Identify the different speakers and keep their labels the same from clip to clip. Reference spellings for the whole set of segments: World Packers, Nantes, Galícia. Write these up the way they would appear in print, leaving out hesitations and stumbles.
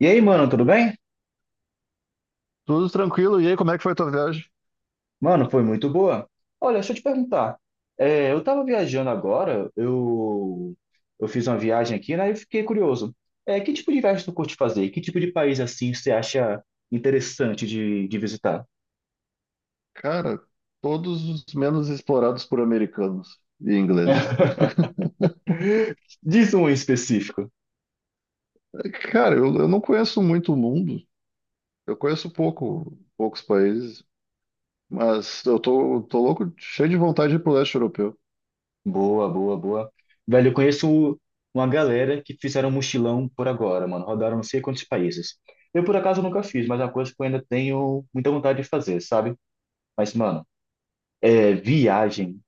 Speaker 1: E aí, mano, tudo bem?
Speaker 2: Tudo tranquilo. E aí, como é que foi a tua viagem?
Speaker 1: Mano, foi muito boa. Olha, deixa eu te perguntar. É, eu tava viajando agora, eu fiz uma viagem aqui, né? E fiquei curioso. É, que tipo de viagem tu curte fazer? Que tipo de país assim você acha interessante de visitar?
Speaker 2: Cara, todos os menos explorados por americanos e ingleses.
Speaker 1: Diz um em específico.
Speaker 2: Cara, eu não conheço muito o mundo. Eu conheço pouco, poucos países. Mas eu tô louco, cheio de vontade de ir pro leste europeu.
Speaker 1: Boa, boa, boa. Velho, eu conheço uma galera que fizeram um mochilão por agora, mano. Rodaram não sei quantos países. Eu, por acaso, nunca fiz, mas é uma coisa que eu ainda tenho muita vontade de fazer, sabe? Mas, mano. É, viagem.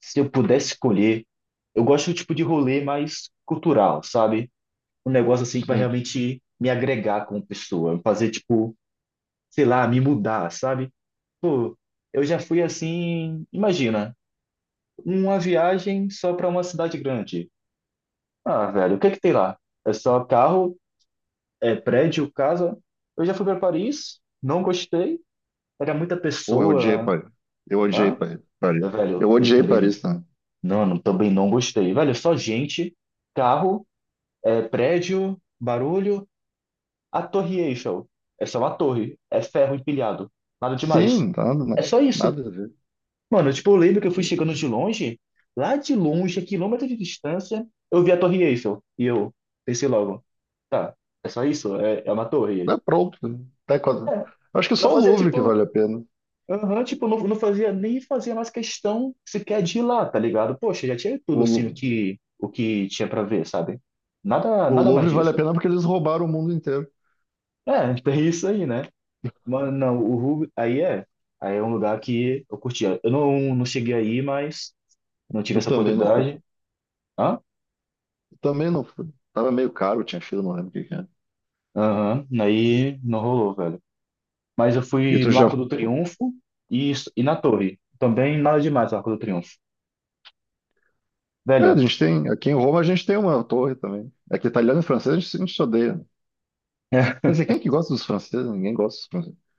Speaker 1: Se eu pudesse escolher, eu gosto do tipo de rolê mais cultural, sabe? Um negócio assim que vai
Speaker 2: Sim.
Speaker 1: realmente me agregar como pessoa, fazer tipo, sei lá, me mudar, sabe? Pô, eu já fui assim, imagina, uma viagem só para uma cidade grande. Ah, velho, o que é que tem lá? É só carro, é prédio, casa. Eu já fui para Paris, não gostei, era muita
Speaker 2: Pô, eu odiei
Speaker 1: pessoa.
Speaker 2: Paris. Eu odiei
Speaker 1: Ah,
Speaker 2: Paris. Eu
Speaker 1: velho, eu
Speaker 2: odiei
Speaker 1: também.
Speaker 2: Paris, né?
Speaker 1: Não, não, também não gostei. Velho, é só gente, carro, é, prédio, barulho, a torre Eiffel. É só uma torre, é ferro empilhado, nada demais.
Speaker 2: Sim,
Speaker 1: É só isso.
Speaker 2: nada a ver.
Speaker 1: Mano, tipo, eu lembro que eu fui chegando de longe, lá de longe, a quilômetros de distância, eu vi a torre Eiffel. E eu pensei logo, tá, é só isso, é, é uma torre.
Speaker 2: É pronto. Até quando...
Speaker 1: É,
Speaker 2: Acho que
Speaker 1: não
Speaker 2: só o
Speaker 1: fazia,
Speaker 2: Louvre que
Speaker 1: tipo,
Speaker 2: vale a pena.
Speaker 1: aham, tipo, não, não fazia nem fazia mais questão sequer de ir lá, tá ligado? Poxa, já tinha tudo
Speaker 2: O,
Speaker 1: assim o
Speaker 2: Lu-
Speaker 1: que o que tinha pra ver, sabe? Nada
Speaker 2: o
Speaker 1: nada mais
Speaker 2: Louvre vale a
Speaker 1: disso.
Speaker 2: pena porque eles roubaram o mundo inteiro.
Speaker 1: É, tem isso aí, né? Mas não, o Ruby aí é um lugar que eu curtia. Eu não cheguei aí, mas não tive
Speaker 2: Eu
Speaker 1: essa
Speaker 2: também não.
Speaker 1: oportunidade. Hã?
Speaker 2: Também não. Tava meio caro, tinha fila, não lembro o que que era.
Speaker 1: Aham, aí não rolou, velho. Mas eu
Speaker 2: E
Speaker 1: fui
Speaker 2: tu
Speaker 1: no
Speaker 2: já.
Speaker 1: Arco do Triunfo e na Torre. Também nada demais o Arco do Triunfo.
Speaker 2: É, a
Speaker 1: Velho,
Speaker 2: gente tem. Aqui em Roma a gente tem uma torre também. É que italiano e francês a gente se odeia, né? Quer dizer, quem é que gosta dos franceses? Ninguém gosta dos franceses.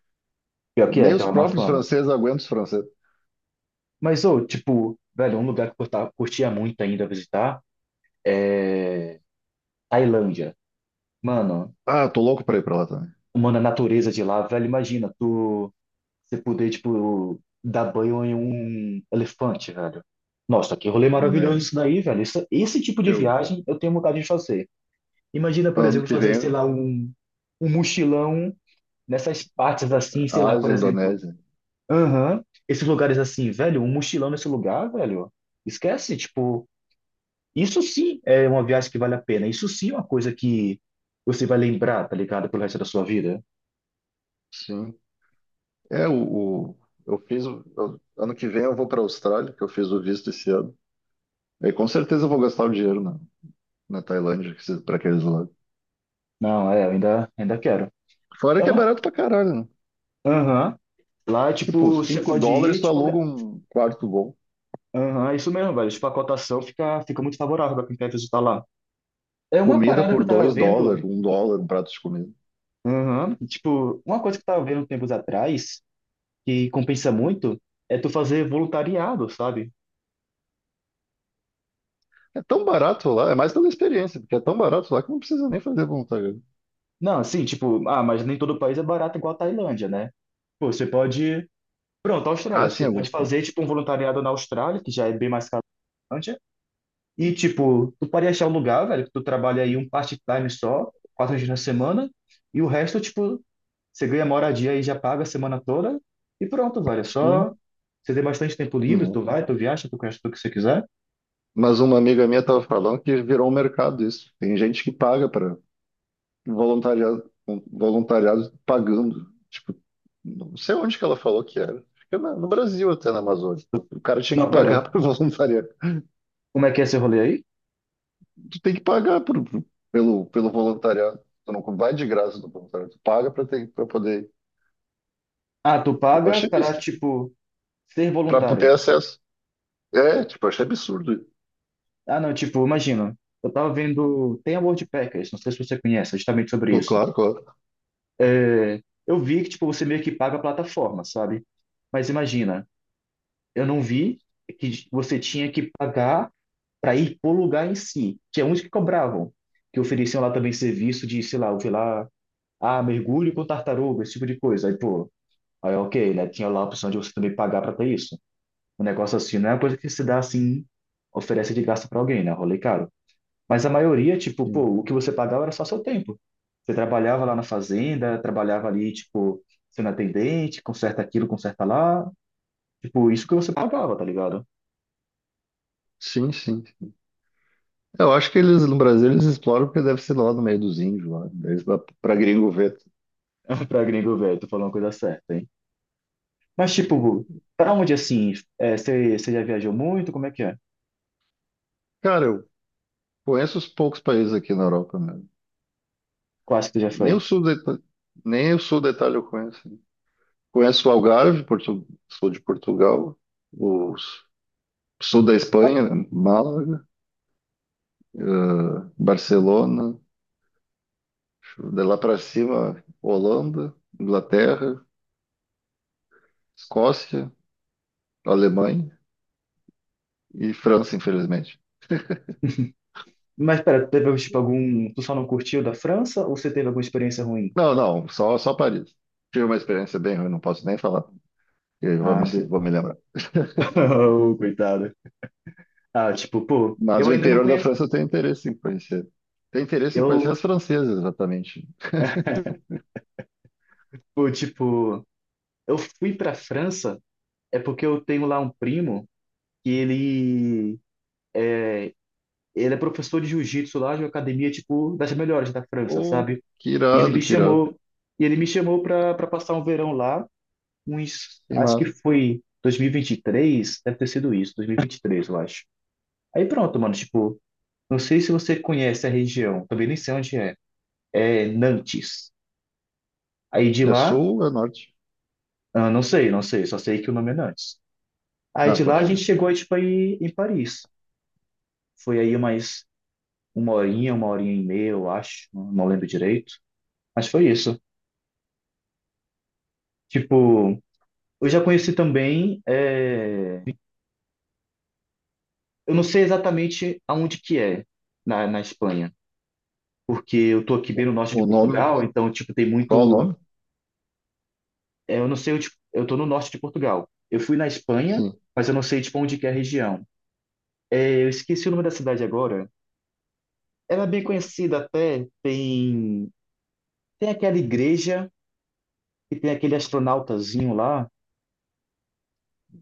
Speaker 1: pior que é,
Speaker 2: Nem
Speaker 1: tem
Speaker 2: os
Speaker 1: uma má
Speaker 2: próprios
Speaker 1: fama.
Speaker 2: franceses aguentam os franceses.
Speaker 1: Mas, ô, tipo, velho, um lugar que eu tava- curtia muito ainda visitar é Tailândia. Mano,
Speaker 2: Ah, tô louco pra ir pra lá também.
Speaker 1: mano, a natureza de lá, velho, imagina, tu você poder, tipo, dar banho em um elefante, velho. Nossa, que rolê maravilhoso
Speaker 2: Né?
Speaker 1: isso daí, velho. Isso- esse tipo de
Speaker 2: Eu,
Speaker 1: viagem eu tenho vontade de fazer. Imagina, por
Speaker 2: ano
Speaker 1: exemplo,
Speaker 2: que
Speaker 1: fazer,
Speaker 2: vem,
Speaker 1: sei lá, um mochilão nessas partes assim,
Speaker 2: a
Speaker 1: sei lá, por
Speaker 2: Ásia, a
Speaker 1: exemplo.
Speaker 2: Indonésia.
Speaker 1: Aham, esses lugares assim, velho, um mochilão nesse lugar, velho. Esquece, tipo. Isso sim é uma viagem que vale a pena. Isso sim é uma coisa que você vai lembrar, tá ligado? Pelo resto da sua vida.
Speaker 2: Sim. É, o, o- eu fiz. Ano que vem eu vou pra Austrália, que eu fiz o visto esse ano. E com certeza eu vou gastar o dinheiro na Tailândia, que pra aqueles lados.
Speaker 1: Não, é, eu ainda quero.
Speaker 2: Fora
Speaker 1: É
Speaker 2: que é
Speaker 1: uma-
Speaker 2: barato pra caralho, né?
Speaker 1: aham. Lá,
Speaker 2: Tipo,
Speaker 1: tipo, você
Speaker 2: 5
Speaker 1: pode
Speaker 2: dólares
Speaker 1: ir,
Speaker 2: tu
Speaker 1: tipo, ca-
Speaker 2: aluga um quarto bom.
Speaker 1: aham, é isso mesmo, velho. Tipo, a cotação fica muito favorável pra quem quer visitar lá. É uma
Speaker 2: Comida
Speaker 1: parada que eu
Speaker 2: por
Speaker 1: tava
Speaker 2: 2
Speaker 1: vendo,
Speaker 2: dólares, 1 dólar, um prato de comida.
Speaker 1: aham, tipo, uma coisa que eu tava vendo tempos atrás, que compensa muito, é tu fazer voluntariado, sabe?
Speaker 2: É tão barato lá, é mais pela experiência, porque é tão barato lá que não precisa nem fazer voluntariado.
Speaker 1: Não, assim, tipo, ah, mas nem todo país é barato igual a Tailândia, né? Pô, você pode. Pronto,
Speaker 2: Ah,
Speaker 1: Austrália.
Speaker 2: sim,
Speaker 1: Você pode
Speaker 2: alguns, né?
Speaker 1: fazer, tipo, um voluntariado na Austrália, que já é bem mais caro que a Islândia. E, tipo, tu pode achar um lugar, velho, que tu trabalha aí um part-time só, 4 dias na semana, e o resto, tipo, você ganha moradia e já paga a semana toda, e pronto, velho. É só
Speaker 2: Sim.
Speaker 1: você ter bastante tempo livre, tu
Speaker 2: Não.
Speaker 1: vai, tu viaja, tu conhece tudo que você quiser.
Speaker 2: Mas uma amiga minha estava falando que virou um mercado isso. Tem gente que paga para voluntariado, voluntariado pagando. Tipo, não sei onde que ela falou que era. Fica no Brasil até, na Amazônia. O cara tinha que
Speaker 1: Não, pera.
Speaker 2: pagar para voluntariar.
Speaker 1: Como é que é esse rolê aí?
Speaker 2: Tu tem que pagar pelo, pelo voluntariado. Tu não vai de graça do voluntariado, tu paga para ter, para poder.
Speaker 1: Ah, tu
Speaker 2: Eu
Speaker 1: paga
Speaker 2: achei
Speaker 1: para, tipo, ser
Speaker 2: para ter
Speaker 1: voluntário.
Speaker 2: acesso. É, tipo, eu achei absurdo.
Speaker 1: Ah, não, tipo, imagina. Eu tava vendo. Tem a World Packers, não sei se você conhece, justamente sobre isso.
Speaker 2: Claro, claro.
Speaker 1: É, eu vi que tipo, você meio que paga a plataforma, sabe? Mas imagina, eu não vi que você tinha que pagar para ir pro lugar em si, que é onde que cobravam, que ofereciam lá também serviço de, sei lá, eu vi lá, ah, mergulho com tartaruga, esse tipo de coisa. Aí, pô, aí ok, né? Tinha lá a opção de você também pagar para ter isso. Um negócio assim, não é uma coisa que se dá assim, oferece de graça para alguém, né? Rolê caro. Mas a maioria, tipo, pô,
Speaker 2: Sim,
Speaker 1: o que você pagava era só seu tempo. Você trabalhava lá na fazenda, trabalhava ali, tipo, sendo atendente, conserta aquilo, conserta lá. Tipo, isso que você pagava, tá ligado?
Speaker 2: sim, sim. Eu acho que eles no Brasil eles exploram porque deve ser lá no meio dos índios, lá, para gringo ver.
Speaker 1: Pra gringo velho, tu falou uma coisa certa, hein? Mas, tipo, pra onde, assim, é, você já viajou muito? Como é que é?
Speaker 2: Cara, eu conheço os poucos países aqui na Europa mesmo.
Speaker 1: Quase que tu já foi.
Speaker 2: Nem o sul da Ita- Nem o sul da Itália eu conheço. Conheço o Algarve, sul de Portugal, o s- sul da Espanha, Málaga. Barcelona, de lá para cima, Holanda, Inglaterra, Escócia, Alemanha e França, infelizmente.
Speaker 1: Mas, pera, teve, tipo, algum... Tu só não curtiu da França ou você teve alguma experiência ruim?
Speaker 2: Não, não, só, só Paris. Tive uma experiência bem ruim, não posso nem falar,
Speaker 1: Ah, be-
Speaker 2: vou me lembrar.
Speaker 1: oh, coitado. Ah, tipo, pô,
Speaker 2: Mas
Speaker 1: eu
Speaker 2: o
Speaker 1: ainda não
Speaker 2: interior da
Speaker 1: conheço...
Speaker 2: França eu tenho interesse em conhecer. Tenho interesse em conhecer
Speaker 1: Eu,
Speaker 2: as francesas, exatamente.
Speaker 1: pô, tipo... Eu fui para a França é porque eu tenho lá um primo que ele é professor de jiu-jitsu lá de uma academia tipo das melhores da França,
Speaker 2: Oh,
Speaker 1: sabe?
Speaker 2: que
Speaker 1: E ele
Speaker 2: irado,
Speaker 1: me
Speaker 2: que irado.
Speaker 1: chamou e ele me chamou para passar um verão lá, uns
Speaker 2: Que
Speaker 1: acho que
Speaker 2: massa.
Speaker 1: foi dois mil e vinte e três deve ter sido isso, 2023, eu acho. Aí pronto, mano, tipo, não sei se você conhece a região, também nem sei onde é. É Nantes. Aí de
Speaker 2: É
Speaker 1: lá,
Speaker 2: sul ou é norte?
Speaker 1: ah, não sei, não sei, só sei que o nome é Nantes. Aí
Speaker 2: Ah,
Speaker 1: de lá
Speaker 2: pode
Speaker 1: a
Speaker 2: crer.
Speaker 1: gente chegou tipo aí em Paris. Foi aí umas uma horinha e meia, eu acho, não lembro direito. Mas foi isso. Tipo, eu já conheci também, é, eu não sei exatamente aonde que é na Espanha, porque eu tô aqui bem no norte de
Speaker 2: O nome?
Speaker 1: Portugal, então, tipo, tem
Speaker 2: Qual o
Speaker 1: muito,
Speaker 2: nome?
Speaker 1: é, eu não sei, eu, tipo, eu tô no norte de Portugal. Eu fui na Espanha,
Speaker 2: Sim.
Speaker 1: mas eu não sei, tipo, onde que é a região. É, eu esqueci o nome da cidade agora. Ela é bem conhecida até, tem aquela igreja e tem aquele astronautazinho lá.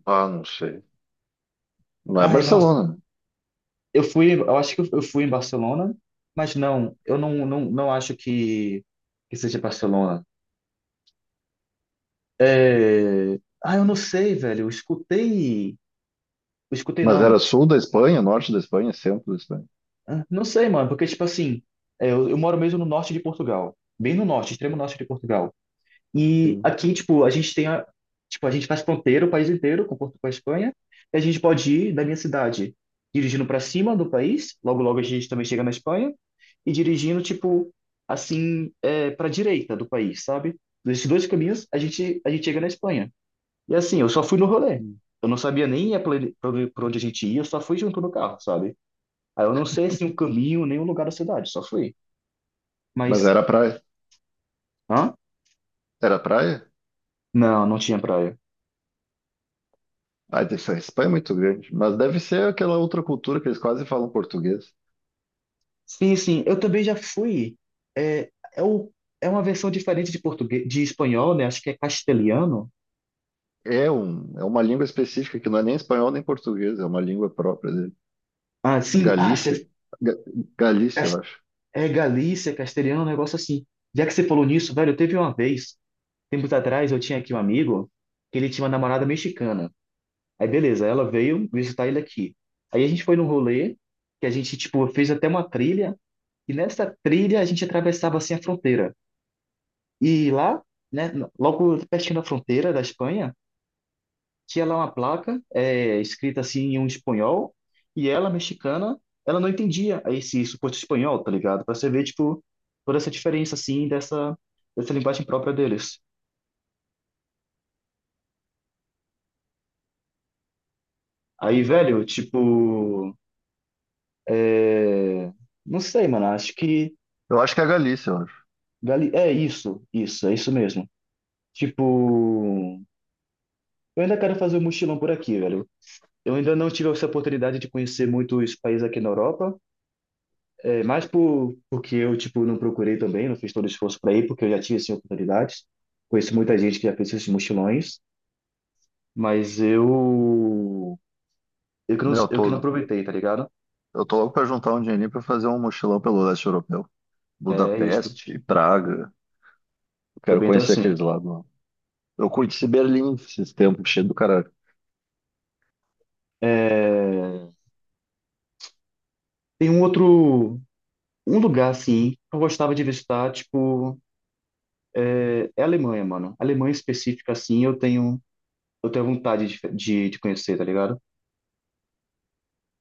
Speaker 2: Ah, não sei. Não é
Speaker 1: Ai, nossa,
Speaker 2: Barcelona.
Speaker 1: eu fui, eu acho que eu fui em Barcelona, mas não, eu não, não, não acho que seja Barcelona. É... Ah, eu não sei, velho. Eu escutei. Eu escutei,
Speaker 2: Mas era
Speaker 1: não.
Speaker 2: sul da Espanha, norte da Espanha, centro da Espanha.
Speaker 1: Ah, não sei, mano, porque, tipo assim, é, eu moro mesmo no norte de Portugal, bem no norte, extremo norte de Portugal. E
Speaker 2: Sim,
Speaker 1: aqui, tipo, a gente tem a, tipo, a gente faz fronteira o país inteiro com, Portu- com a Espanha, e a gente pode ir da minha cidade dirigindo para cima do país, logo logo a gente também chega na Espanha, e dirigindo, tipo, assim, é, para direita do país, sabe? Desses dois caminhos, a gente chega na Espanha. E assim, eu só fui no rolê.
Speaker 2: sim.
Speaker 1: Eu não sabia nem para onde pra onde a gente ia, eu só fui junto no carro, sabe? Aí eu não sei, assim, o caminho, nem o lugar da cidade, só fui.
Speaker 2: Mas
Speaker 1: Mas,
Speaker 2: era praia.
Speaker 1: hã?
Speaker 2: Era praia?
Speaker 1: Não, não tinha praia.
Speaker 2: Ah, essa Espanha é muito grande. Mas deve ser aquela outra cultura que eles quase falam português.
Speaker 1: Sim, sim, eu também já fui. É, é, o, é uma versão diferente de português, de espanhol, né? Acho que é castelhano.
Speaker 2: É, um, é uma língua específica que não é nem espanhol nem português, é uma língua própria dele.
Speaker 1: Ah,
Speaker 2: A
Speaker 1: sim, ah,
Speaker 2: Galícia.
Speaker 1: você,
Speaker 2: Ga- Galícia, eu
Speaker 1: cas-
Speaker 2: acho.
Speaker 1: é Galícia, castelhano, um negócio assim. Já que você falou nisso, velho, teve uma vez, tempos atrás, eu tinha aqui um amigo que ele tinha uma namorada mexicana. Aí, beleza, ela veio visitar ele aqui. Aí a gente foi num rolê, que a gente, tipo, fez até uma trilha, e nessa trilha a gente atravessava, assim, a fronteira. E lá, né, logo pertinho da fronteira da Espanha, tinha lá uma placa é, escrita assim em um espanhol e ela, mexicana, ela não entendia esse suposto espanhol, tá ligado? Pra você ver, tipo, toda essa diferença, assim, dessa linguagem própria deles. Aí, velho, tipo, é, não sei, mano, acho que
Speaker 2: Eu acho que é a Galícia, eu acho.
Speaker 1: Gali- é isso, isso, é isso mesmo. Tipo, eu ainda quero fazer um mochilão por aqui, velho. Eu ainda não tive essa oportunidade de conhecer muitos países aqui na Europa, é mais por, porque eu, tipo, não procurei também, não fiz todo o esforço para ir, porque eu já tive, assim, oportunidades. Conheço muita gente que já fez esses mochilões, mas eu...
Speaker 2: Meu,
Speaker 1: eu que não aproveitei, tá ligado?
Speaker 2: eu tô louco pra juntar um dinheirinho pra fazer um mochilão pelo leste europeu.
Speaker 1: É isso.
Speaker 2: Budapeste, Praga. Eu quero
Speaker 1: Também então,
Speaker 2: conhecer
Speaker 1: assim...
Speaker 2: aqueles lados lá. Eu conheci Berlim esses tempos, cheio do cara
Speaker 1: É... Tem um outro... Um lugar, assim, que eu gostava de visitar, tipo... É, é a Alemanha, mano. A Alemanha específica, assim, eu tenho... Eu tenho vontade de conhecer, tá ligado?